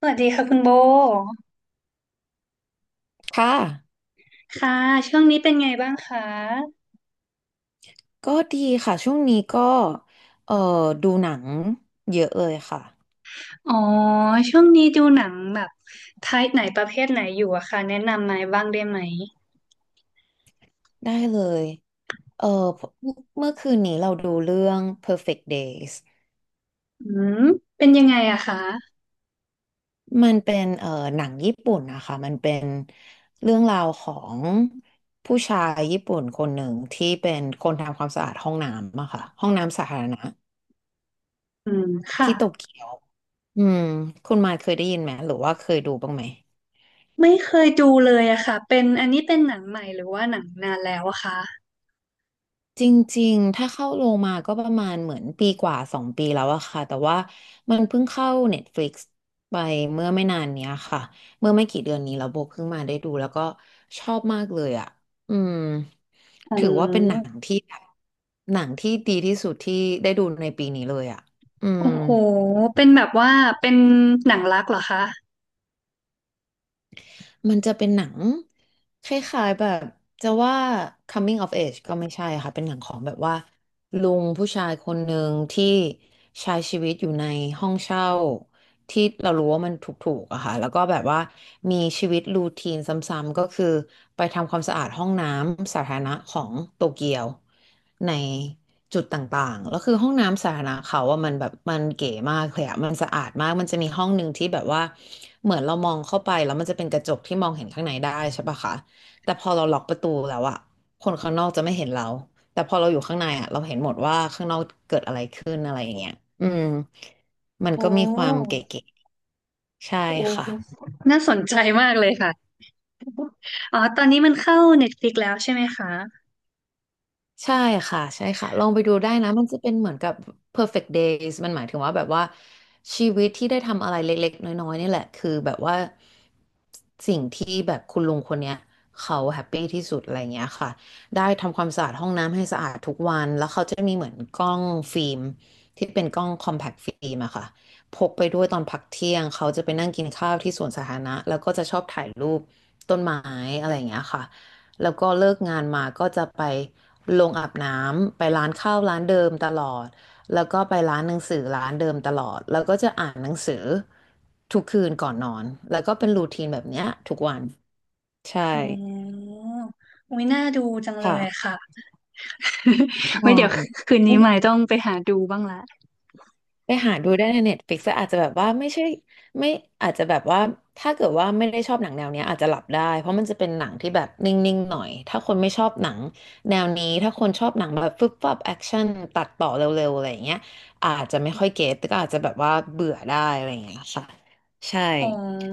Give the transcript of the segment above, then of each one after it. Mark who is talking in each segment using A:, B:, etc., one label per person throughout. A: สวัสดีค่ะคุณโบ
B: ค่ะ
A: ค่ะช่วงนี้เป็นไงบ้างคะ
B: ก็ดีค่ะช่วงนี้ก็เอ่อดูหนังเยอะเลยค่ะ
A: อ๋อช่วงนี้ดูหนังแบบไทป์ไหนประเภทไหนอยู่อะคะแนะนำมาบ้างได้ไหม
B: ได้เลยเอ่อเมื่อคืนนี้เราดูเรื่อง Perfect Days
A: อืมเป็นยังไงอะคะ
B: มันเป็นหนังญี่ปุ่นนะคะมันเป็นเรื่องราวของผู้ชายญี่ปุ่นคนหนึ่งที่เป็นคนทำความสะอาดห้องน้ำอะค่ะห้องน้ำสาธารณะ
A: อืมค่ะ
B: ที่โตเกียวอืมคุณมายเคยได้ยินไหมหรือว่าเคยดูบ้างไหม
A: ไม่เคยดูเลยอะค่ะเป็นอันนี้เป็นหนังใหม่หรือว่าหนังนานแล้วอะคะ
B: จริงๆ ถ้าเข้าลงมาก็ประมาณเหมือนปีกว่าสองปีแล้วอะค่ะแต่ว่ามันเพิ่งเข้า Netflix ไปเมื่อไม่นานเนี้ยค่ะเมื่อไม่กี่เดือนนี้แล้วโบเพิ่งมาได้ดูแล้วก็ชอบมากเลยอะอืม
A: อ๋
B: ถือว่าเป็นหนั
A: อ
B: งที่แบบหนังที่ดีที่สุดที่ได้ดูในปีนี้เลยอะอืม
A: โอ้โหเป็นแบบว่าเป็นหนังรักเหรอคะ
B: มันจะเป็นหนังคล้ายๆแบบจะว่า coming of age ก็ไม่ใช่ค่ะเป็นหนังของแบบว่าลุงผู้ชายคนหนึ่งที่ใช้ชีวิตอยู่ในห้องเช่าที่เรารู้ว่ามันถูกๆอะค่ะแล้วก็แบบว่ามีชีวิตรูทีนซ้ำๆก็คือไปทำความสะอาดห้องน้ำสาธารณะของโตเกียว ในจุดต่างๆ แล้วคือห้องน้ำสาธารณะเขาว่ามันแบบมันเก๋มากเลยอะมันสะอาดมากมันจะมีห้องหนึ่งที่แบบว่าเหมือนเรามองเข้าไปแล้วมันจะเป็นกระจกที่มองเห็นข้างในได้ใช่ปะคะแต่พอเราล็อกประตูแล้วอะคนข้างนอกจะไม่เห็นเรา แต่พอเราอยู่ข้างในอะเราเห็นหมดว่าข้างนอกเกิดอะไรขึ้นอะไรอย่างเงี้ยอืมมันก็
A: โอ้
B: มีความเก๋ๆใช่
A: โอ้
B: ค่ะ
A: น่าสนใจมากเลยค่ะอ๋อตอนนี้มันเข้า Netflix แล้วใช่ไหมคะ
B: ใช่ค่ะใช่ค่ะลองไปดูได้นะมันจะเป็นเหมือนกับ perfect days มันหมายถึงว่าแบบว่าชีวิตที่ได้ทำอะไรเล็กๆน้อยๆนี่แหละคือแบบว่าสิ่งที่แบบคุณลุงคนเนี้ยเขาแฮปปี้ที่สุดอะไรเงี้ยค่ะได้ทำความสะอาดห้องน้ำให้สะอาดทุกวันแล้วเขาจะมีเหมือนกล้องฟิล์มที่เป็นกล้อง compact ฟิล์มอะค่ะพกไปด้วยตอนพักเที่ยงเขาจะไปนั่งกินข้าวที่สวนสาธารณะแล้วก็จะชอบถ่ายรูปต้นไม้อะไรอย่างเงี้ยค่ะแล้วก็เลิกงานมาก็จะไป ลงอาบน้ำไปร้านข้าวร้านเดิมตลอดแล้วก็ไปร้านหนังสือร้านเดิมตลอดแล้วก็จะอ่านหนังสือทุกคืนก่อนนอนแล้วก็เป็นรูทีนแบบเนี้ยทุกวันใช่
A: อ๋ออุ้ยน่าดูจังเล
B: ค่ะ
A: ยค่ะ ไว้
B: ว้า
A: เดี๋ยวคืนนี้ใหม่ต้องไปหาดูบ้างละ
B: ไปหาดูได้ใน Netflix แต่อาจจะแบบว่าไม่ใช่ไม่อาจจะแบบว่าถ้าเกิดว่าไม่ได้ชอบหนังแนวเนี้ยอาจจะหลับได้เพราะมันจะเป็นหนังที่แบบนิ่งๆหน่อยถ้าคนไม่ชอบหนังแนวนี้ถ้าคนชอบหนังแบบฟึบฟับแอคชั่นตัดต่อเร็วๆอะไรอย่างเงี้ยอาจจะไม่ค่อยเก็ตก็อาจจะแบบว่าเบื่อได้อะไรอย่างเงี้ยค่ะใช่
A: อ๋อ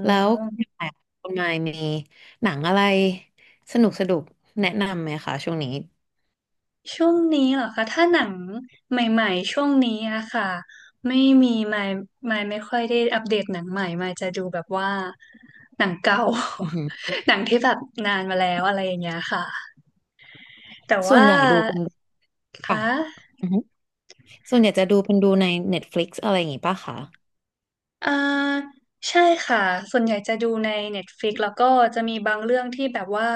B: แล้วคุณหมายมีหนังอะไรสนุกสนุกแนะนำไหมคะช่วงนี้
A: ช่วงนี้เหรอคะถ้าหนังใหม่ๆช่วงนี้อะค่ะไม่มีไม่ค่อยได้อัปเดตหนังใหม่ไม่จะดูแบบว่าหนังเก่า
B: อือหือ
A: หนังที่แบบนานมาแล้วอะไรอย่างเงี้ยค่ะแต่
B: ส่ว
A: ว่า
B: นใหญ่ดูเป็นค่ะ
A: คะ
B: ส่วนใหญ่จะดูเป็นดูใน Netflix อะไรอย่างงี้ป่ะคะ
A: อ่าใช่ค่ะส่วนใหญ่จะดูใน Netflix แล้วก็จะมีบางเรื่องที่แบบว่า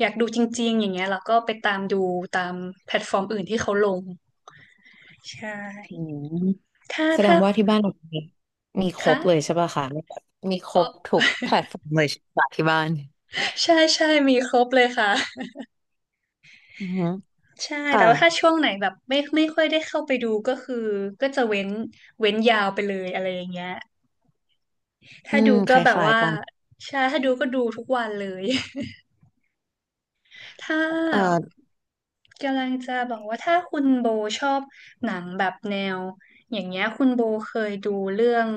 A: อยากดูจริงๆอย่างเงี้ยแล้วก็ไปตามดูตามแพลตฟอร์มอื่นที่เขาลงใช่
B: อืม
A: ถ้า
B: แสดง
A: ถ้า
B: ว่าที่บ้านเรามีมีครบเลย
A: คะ
B: ใช่ป่ะคะมีแบบมีค
A: เอ
B: รบ
A: อ
B: ทุกแพลตฟอร์มเลยใช่ป่ะที่บ้าน
A: ใช่ใช่มีครบเลยค่ะ
B: อือฮึ
A: ใช่แต่
B: ค่ะ
A: ว่าถ้าช่วงไหนแบบไม่ค่อยได้เข้าไปดูก็คือก็จะเว้นยาวไปเลยอะไรอย่างเงี้ยถ้าดู
B: ค
A: ก็แบบ
B: ล้าย
A: ว่า
B: ๆกัน
A: ใช่ถ้าดูก็ดูทุกวันเลย ถ้า
B: เออ
A: กำลังจะบอกว่าถ้าคุณโบชอบหนังแบบแนวอย่างเงี้ยคุณโบเคยดูเรื่อง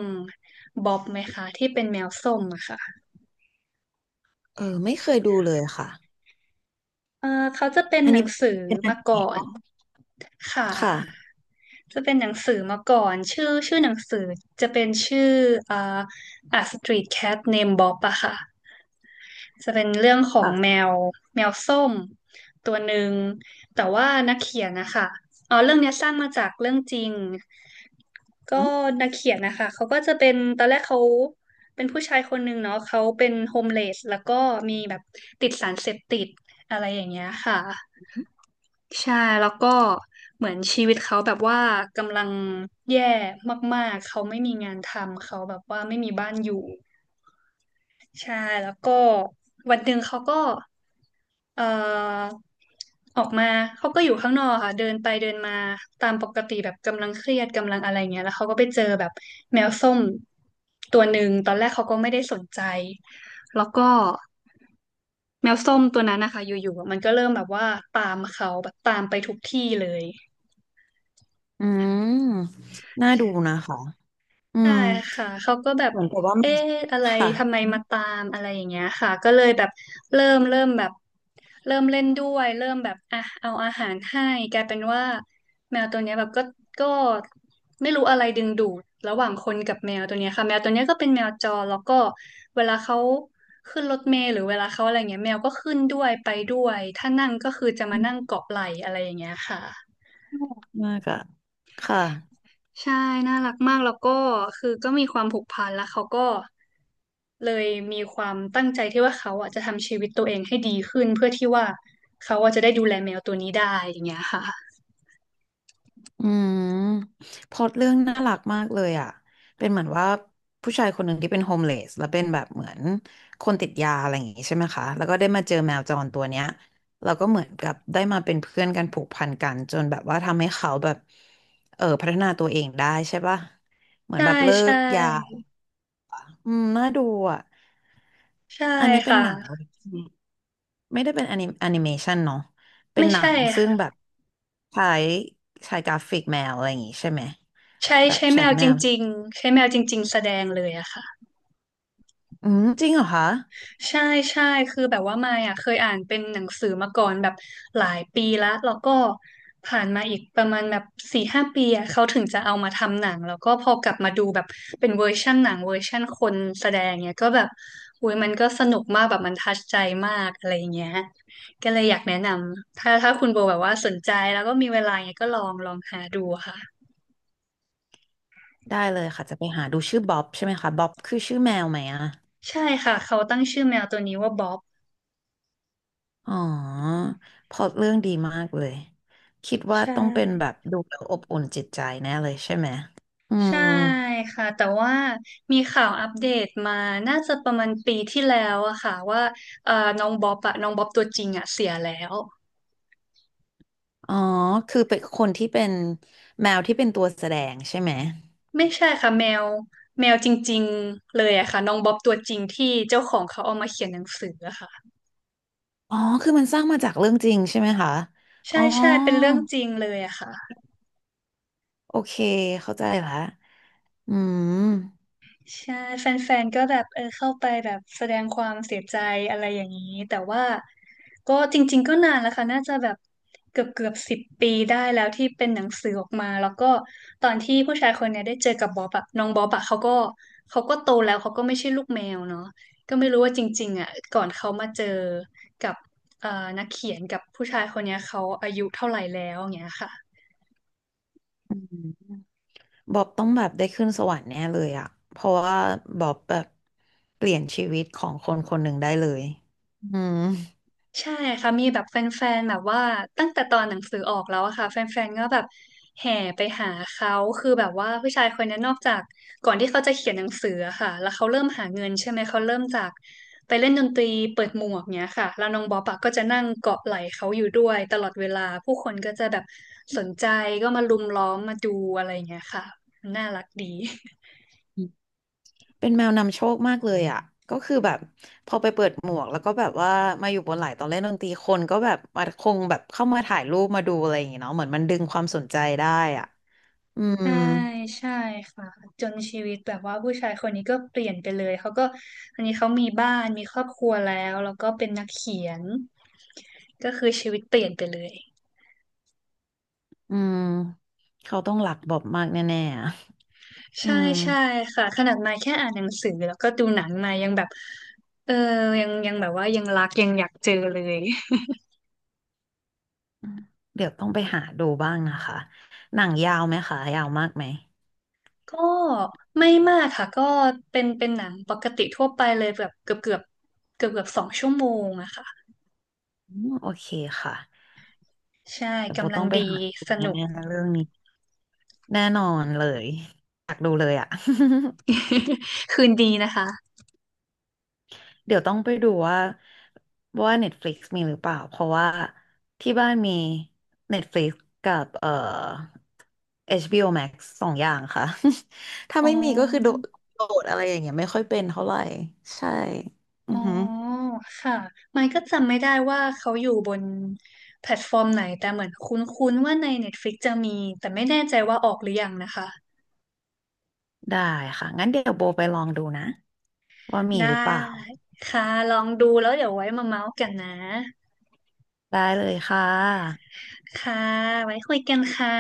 A: บ๊อบไหมคะที่เป็นแมวส้มอะค่ะ
B: เออไม่เคยดูเลยค่ะ
A: เออเขาจะเป็น
B: อัน
A: หนั
B: นี้
A: ง
B: เป
A: สือ
B: ็นอัน
A: มา
B: ไห
A: ก่
B: น
A: อน
B: ป่ะ
A: ค่
B: ค่ะ
A: ะจะเป็นหนังสือมาก่อนชื่อหนังสือจะเป็นชื่ออ่า A Street Cat Named Bob อะค่ะจะเป็นเรื่องของแม
B: ค่ะ
A: วแมวส้มตัวหนึ่งแต่ว่านักเขียนนะคะอ๋อเรื่องเนี้ยสร้างมาจากเรื่องจริง ก็
B: อืม
A: นักเขียนนะคะ เขาก็จะเป็นตอนแรกเขาเป็นผู้ชายคนหนึ่งเนาะเขาเป็นโฮมเลสแล้วก็มีแบบติดสารเสพติดอะไรอย่างเงี้ยค่ะใช่แล้วก็เหมือนชีวิตเขาแบบว่ากำลังแย่มากๆเขาไม่มีงานทำเขาแบบว่าไม่มีบ้านอยู่ ใช่แล้วก็วันหนึ่งเขาก็เอ่อออกมาเขาก็อยู่ข้างนอกค่ะเดินไปเดินมาตามปกติแบบกำลังเครียดกำลังอะไรเงี้ยแล้วเขาก็ไปเจอแบบแมวส้มตัวหนึ่งตอนแรกเขาก็ไม่ได้สนใจแล้วก็แมวส้มตัวนั้นนะคะอยู่ๆอะมันก็เริ่มแบบว่าตามเขาแบบตามไปทุกที่เลย
B: อืมน่าดูนะคะ อื
A: ใช่
B: ม
A: ค่ะเขาก็แบบ
B: เหมือนกับว่ามั
A: เอ๊
B: น
A: ะอะไร
B: ค่ะ
A: ทำไม
B: อื
A: มาตามอะไรอย่างเงี้ยค่ะก็เลยแบบเริ่มแบบ เริ่มเล่นด้วยเริ่มแบบอ่ะเอาอาหารให้กลายเป็นว่าแมวตัวเนี้ยแบบก็ก็ไม่รู้อะไรดึงดูดระหว่างคนกับแมวตัวเนี้ยค่ะแมวตัวเนี้ยก็เป็นแมวจรแล้วก็เวลาเขาขึ้นรถเมล์หรือเวลาเขาอะไรเงี้ยแมวก็ขึ้นด้วยไปด้วยถ้านั่งก็คือจะมานั่ง
B: ม
A: เกาะไหล่อะไรอย่างเงี้ยค่ะ
B: มากอะค่ะ
A: ใช่น่ารักมากแล้วก็คือก็มีความผูกพันแล้วเขาก็เลยมีความตั้งใจที่ว่าเขาอ่ะจะทำชีวิตตัวเองให้ดีขึ้นเพื่อที่ว่าเขาอ่ะจะได้ดูแลแมวตัวนี้ได้อย่างเงี้ยค่ะ
B: อืมพล็อตเรื่องน่ารักมากเลยอ่ะเป็นเหมือนว่าผู้ชายคนหนึ่งที่เป็นโฮมเลสแล้วเป็นแบบเหมือนคนติดยาอะไรอย่างงี้ใช่ไหมคะแล้วก็ได้มาเจอแมวจรตัวเนี้ยแล้วก็เหมือนกับได้มาเป็นเพื่อนกันผูกพันกันจนแบบว่าทำให้เขาแบบเออพัฒนาตัวเองได้ใช่ปะเหมือน
A: ใช่
B: แบบเลิ
A: ใช่
B: กยาอืมน่าดูอ่ะ
A: ใช่
B: อันนี้เป็น
A: ค่ะ
B: หนัง ไม่ได้เป็นแอนิเมชันเนาะเป็น
A: ไม่
B: หนั
A: ใช่
B: งซึ่ง
A: ค่ะ
B: แบบใช้ใช้กราฟิกแมวอะไรอย่างงี้ใช่ไหม
A: ใช้
B: แบบ
A: ใช้แม
B: ใช้
A: ว
B: แม
A: จ
B: ว
A: ริงๆใช้แมวจริงๆแสดงเลยอะค่ะ
B: อืมจริงเหรอคะ
A: ใช่ใช่คือแบบว่ามายอ่ะเคยอ่านเป็นหนังสือมาก่อนแบบหลายปีแล้วแล้วก็ผ่านมาอีกประมาณแบบ4-5 ปีอ่ะเขาถึงจะเอามาทำหนังแล้วก็พอกลับมาดูแบบเป็นเวอร์ชั่นหนังเวอร์ชั่นคนแสดงเนี่ยก็แบบอุ้ยมันก็สนุกมากแบบมันทัชใจมากอะไรอย่างเงี้ยก็เลยอยากแนะนำถ้าถ้าคุณโบแบบว่าสนใจแล้วก็มีเวลาเนี่ยก็ลองลองหาดูค่ะ
B: ได้เลยค่ะจะไปหาดูชื่อบ๊อบใช่ไหมคะบ๊อบคือชื่อแมวไหมอะ
A: ใช่ค่ะเขาตั้งชื่อแมวตัวนี้ว่าบ๊อบ
B: อ๋อพล็อตเรื่องดีมากเลยคิดว่า
A: ใช
B: ต้องเป็น
A: ่
B: แบบดูแล้วอบอุ่นจิตใจแน่เลยใช่ไหมอื
A: ใช่
B: ม
A: ค่ะแต่ว่ามีข่าวอัปเดตมาน่าจะประมาณปีที่แล้วอะค่ะว่าเอ่อน้องบ๊อบอะน้องบ๊อบตัวจริงอะเสียแล้ว
B: อ๋อคือเป็นคนที่เป็นแมวที่เป็นตัวแสดงใช่ไหม
A: ไม่ใช่ค่ะแมวแมวจริงๆเลยอะค่ะน้องบ๊อบตัวจริงที่เจ้าของเขาเอามาเขียนหนังสืออะค่ะ
B: อ๋อคือมันสร้างมาจากเรื่องจริงใช่ไหมคะอ๋อ
A: ใช่ใช่เป็นเรื่องจริงเลยอะค่ะ
B: โอเคเข้าใจละอืม
A: ใช่แฟนๆก็แบบเออเข้าไปแบบแสดงความเสียใจอะไรอย่างนี้แต่ว่าก็จริงๆก็นานแล้วค่ะน่าจะแบบเกือบ10 ปีได้แล้วที่เป็นหนังสือออกมาแล้วก็ตอนที่ผู้ชายคนเนี้ยได้เจอกับบ๊อบอะน้องบ๊อบอะเขาก็เขาก็โตแล้วเขาก็ไม่ใช่ลูกแมวเนาะก็ไม่รู้ว่าจริงๆอะก่อนเขามาเจอกับเอ่อนักเขียนกับผู้ชายคนเนี้ยเขาอายุเท่าไหร่แล้วอย่างเงี้ยค่ะ
B: อืมบอบต้องแบบได้ขึ้นสวรรค์แน่เลยอะเพราะว่าบอบแบบเปลี่ยนชีวิตของคนคนหนึ่งได้เลยอืม
A: ใช่ค่ะมีแบบแฟนๆแบบว่าตั้งแต่ตอนหนังสือออกแล้วอะค่ะแฟนๆก็แบบแห่ไปหาเขาคือแบบว่าผู้ชายคนนี้นอกจากก่อนที่เขาจะเขียนหนังสืออะค่ะแล้วเขาเริ่มหาเงินใช่ไหมเขาเริ่มจากไปเล่นดนตรีเปิดหมวกเนี้ยค่ะแล้วน้องบ๊อบอะก็จะนั่งเกาะไหล่เขาอยู่ด้วยตลอดเวลาผู้คนก็จะแบบสนใจก็มาลุมล้อมมาดูอะไรอย่างเงี้ยค่ะน่ารักดี
B: เป็นแมวนำโชคมากเลยอ่ะก็คือแบบพอไปเปิดหมวกแล้วก็แบบว่ามาอยู่บนไหล่ตอนเล่นดนตรีคนก็แบบมาคงแบบเข้ามาถ่ายรูปมาดูอะไรอย่างเงี้ยเนาะเหมือนมันดึงความสนใจได้อ่ะอืม
A: ใช่ใช่ค่ะจนชีวิตแบบว่าผู้ชายคนนี้ก็เปลี่ยนไปเลยเขาก็อันนี้เขามีบ้านมีครอบครัวแล้วแล้วก็เป็นนักเขียนก็คือชีวิตเปลี่ยนไปเลย
B: อืมเขาต้องรักบอบมากแน่ๆอะอื
A: ใช่
B: ม
A: ใช่ค่ะขนาดมายแค่อ่านหนังสือแล้วก็ดูหนังมายังแบบเออยังยังแบบว่ายังรักยังอยากเจอเลย
B: เดี๋ยวต้องไปหาดูบ้างนะคะหนังยาวไหมคะยาวมากไหม
A: ก็ไม่มากค่ะก็เป็นเป็นหนังปกติทั่วไปเลยแบบเกือบ2 ชั่วโมงอะค่ะ
B: อืมโอเคค่ะ
A: ใช่
B: เดี๋ยวโบ
A: กำลั
B: ต้
A: ง
B: องไป
A: ดี
B: หาดู
A: สนุก
B: แน่ๆเรื่องนี้แน่นอนเลยอยากดูเลยอ่ะ
A: คืนดีนะคะ
B: เดี๋ยวต้องไปดูว่าว่า Netflix มีหรือเปล่าเพราะว่าที่บ้านมี Netflix กับHBO Max สองอย่างค่ะ ถ้า
A: อ๋อ
B: ไม่มีก็คือโดดอะไรอย่างเงี้ยไม่ค่อยเป็นเท่าไหร่ใช่อื
A: อ๋
B: อ
A: อ
B: ฮึ
A: ค่ะ ไมค์ก็จำไม่ได้ว่าเขาอยู่บนแพลตฟอร์มไหน แต่เหมือนคุ้นๆว่าใน Netflix จะมี แต่ไม่แน่ใจว่าออกหรือยังนะคะ
B: ได้ค่ะ งั้นเดี๋ยวโบไปลองดูนะว่ามี
A: ได้
B: หรือเปล่า
A: ค่ะ ลองดูแล้วเดี๋ยวไว้มาเมาส์กันนะ
B: ได้เลยค่ะ
A: ค่ะ ไว้คุยกันค่ะ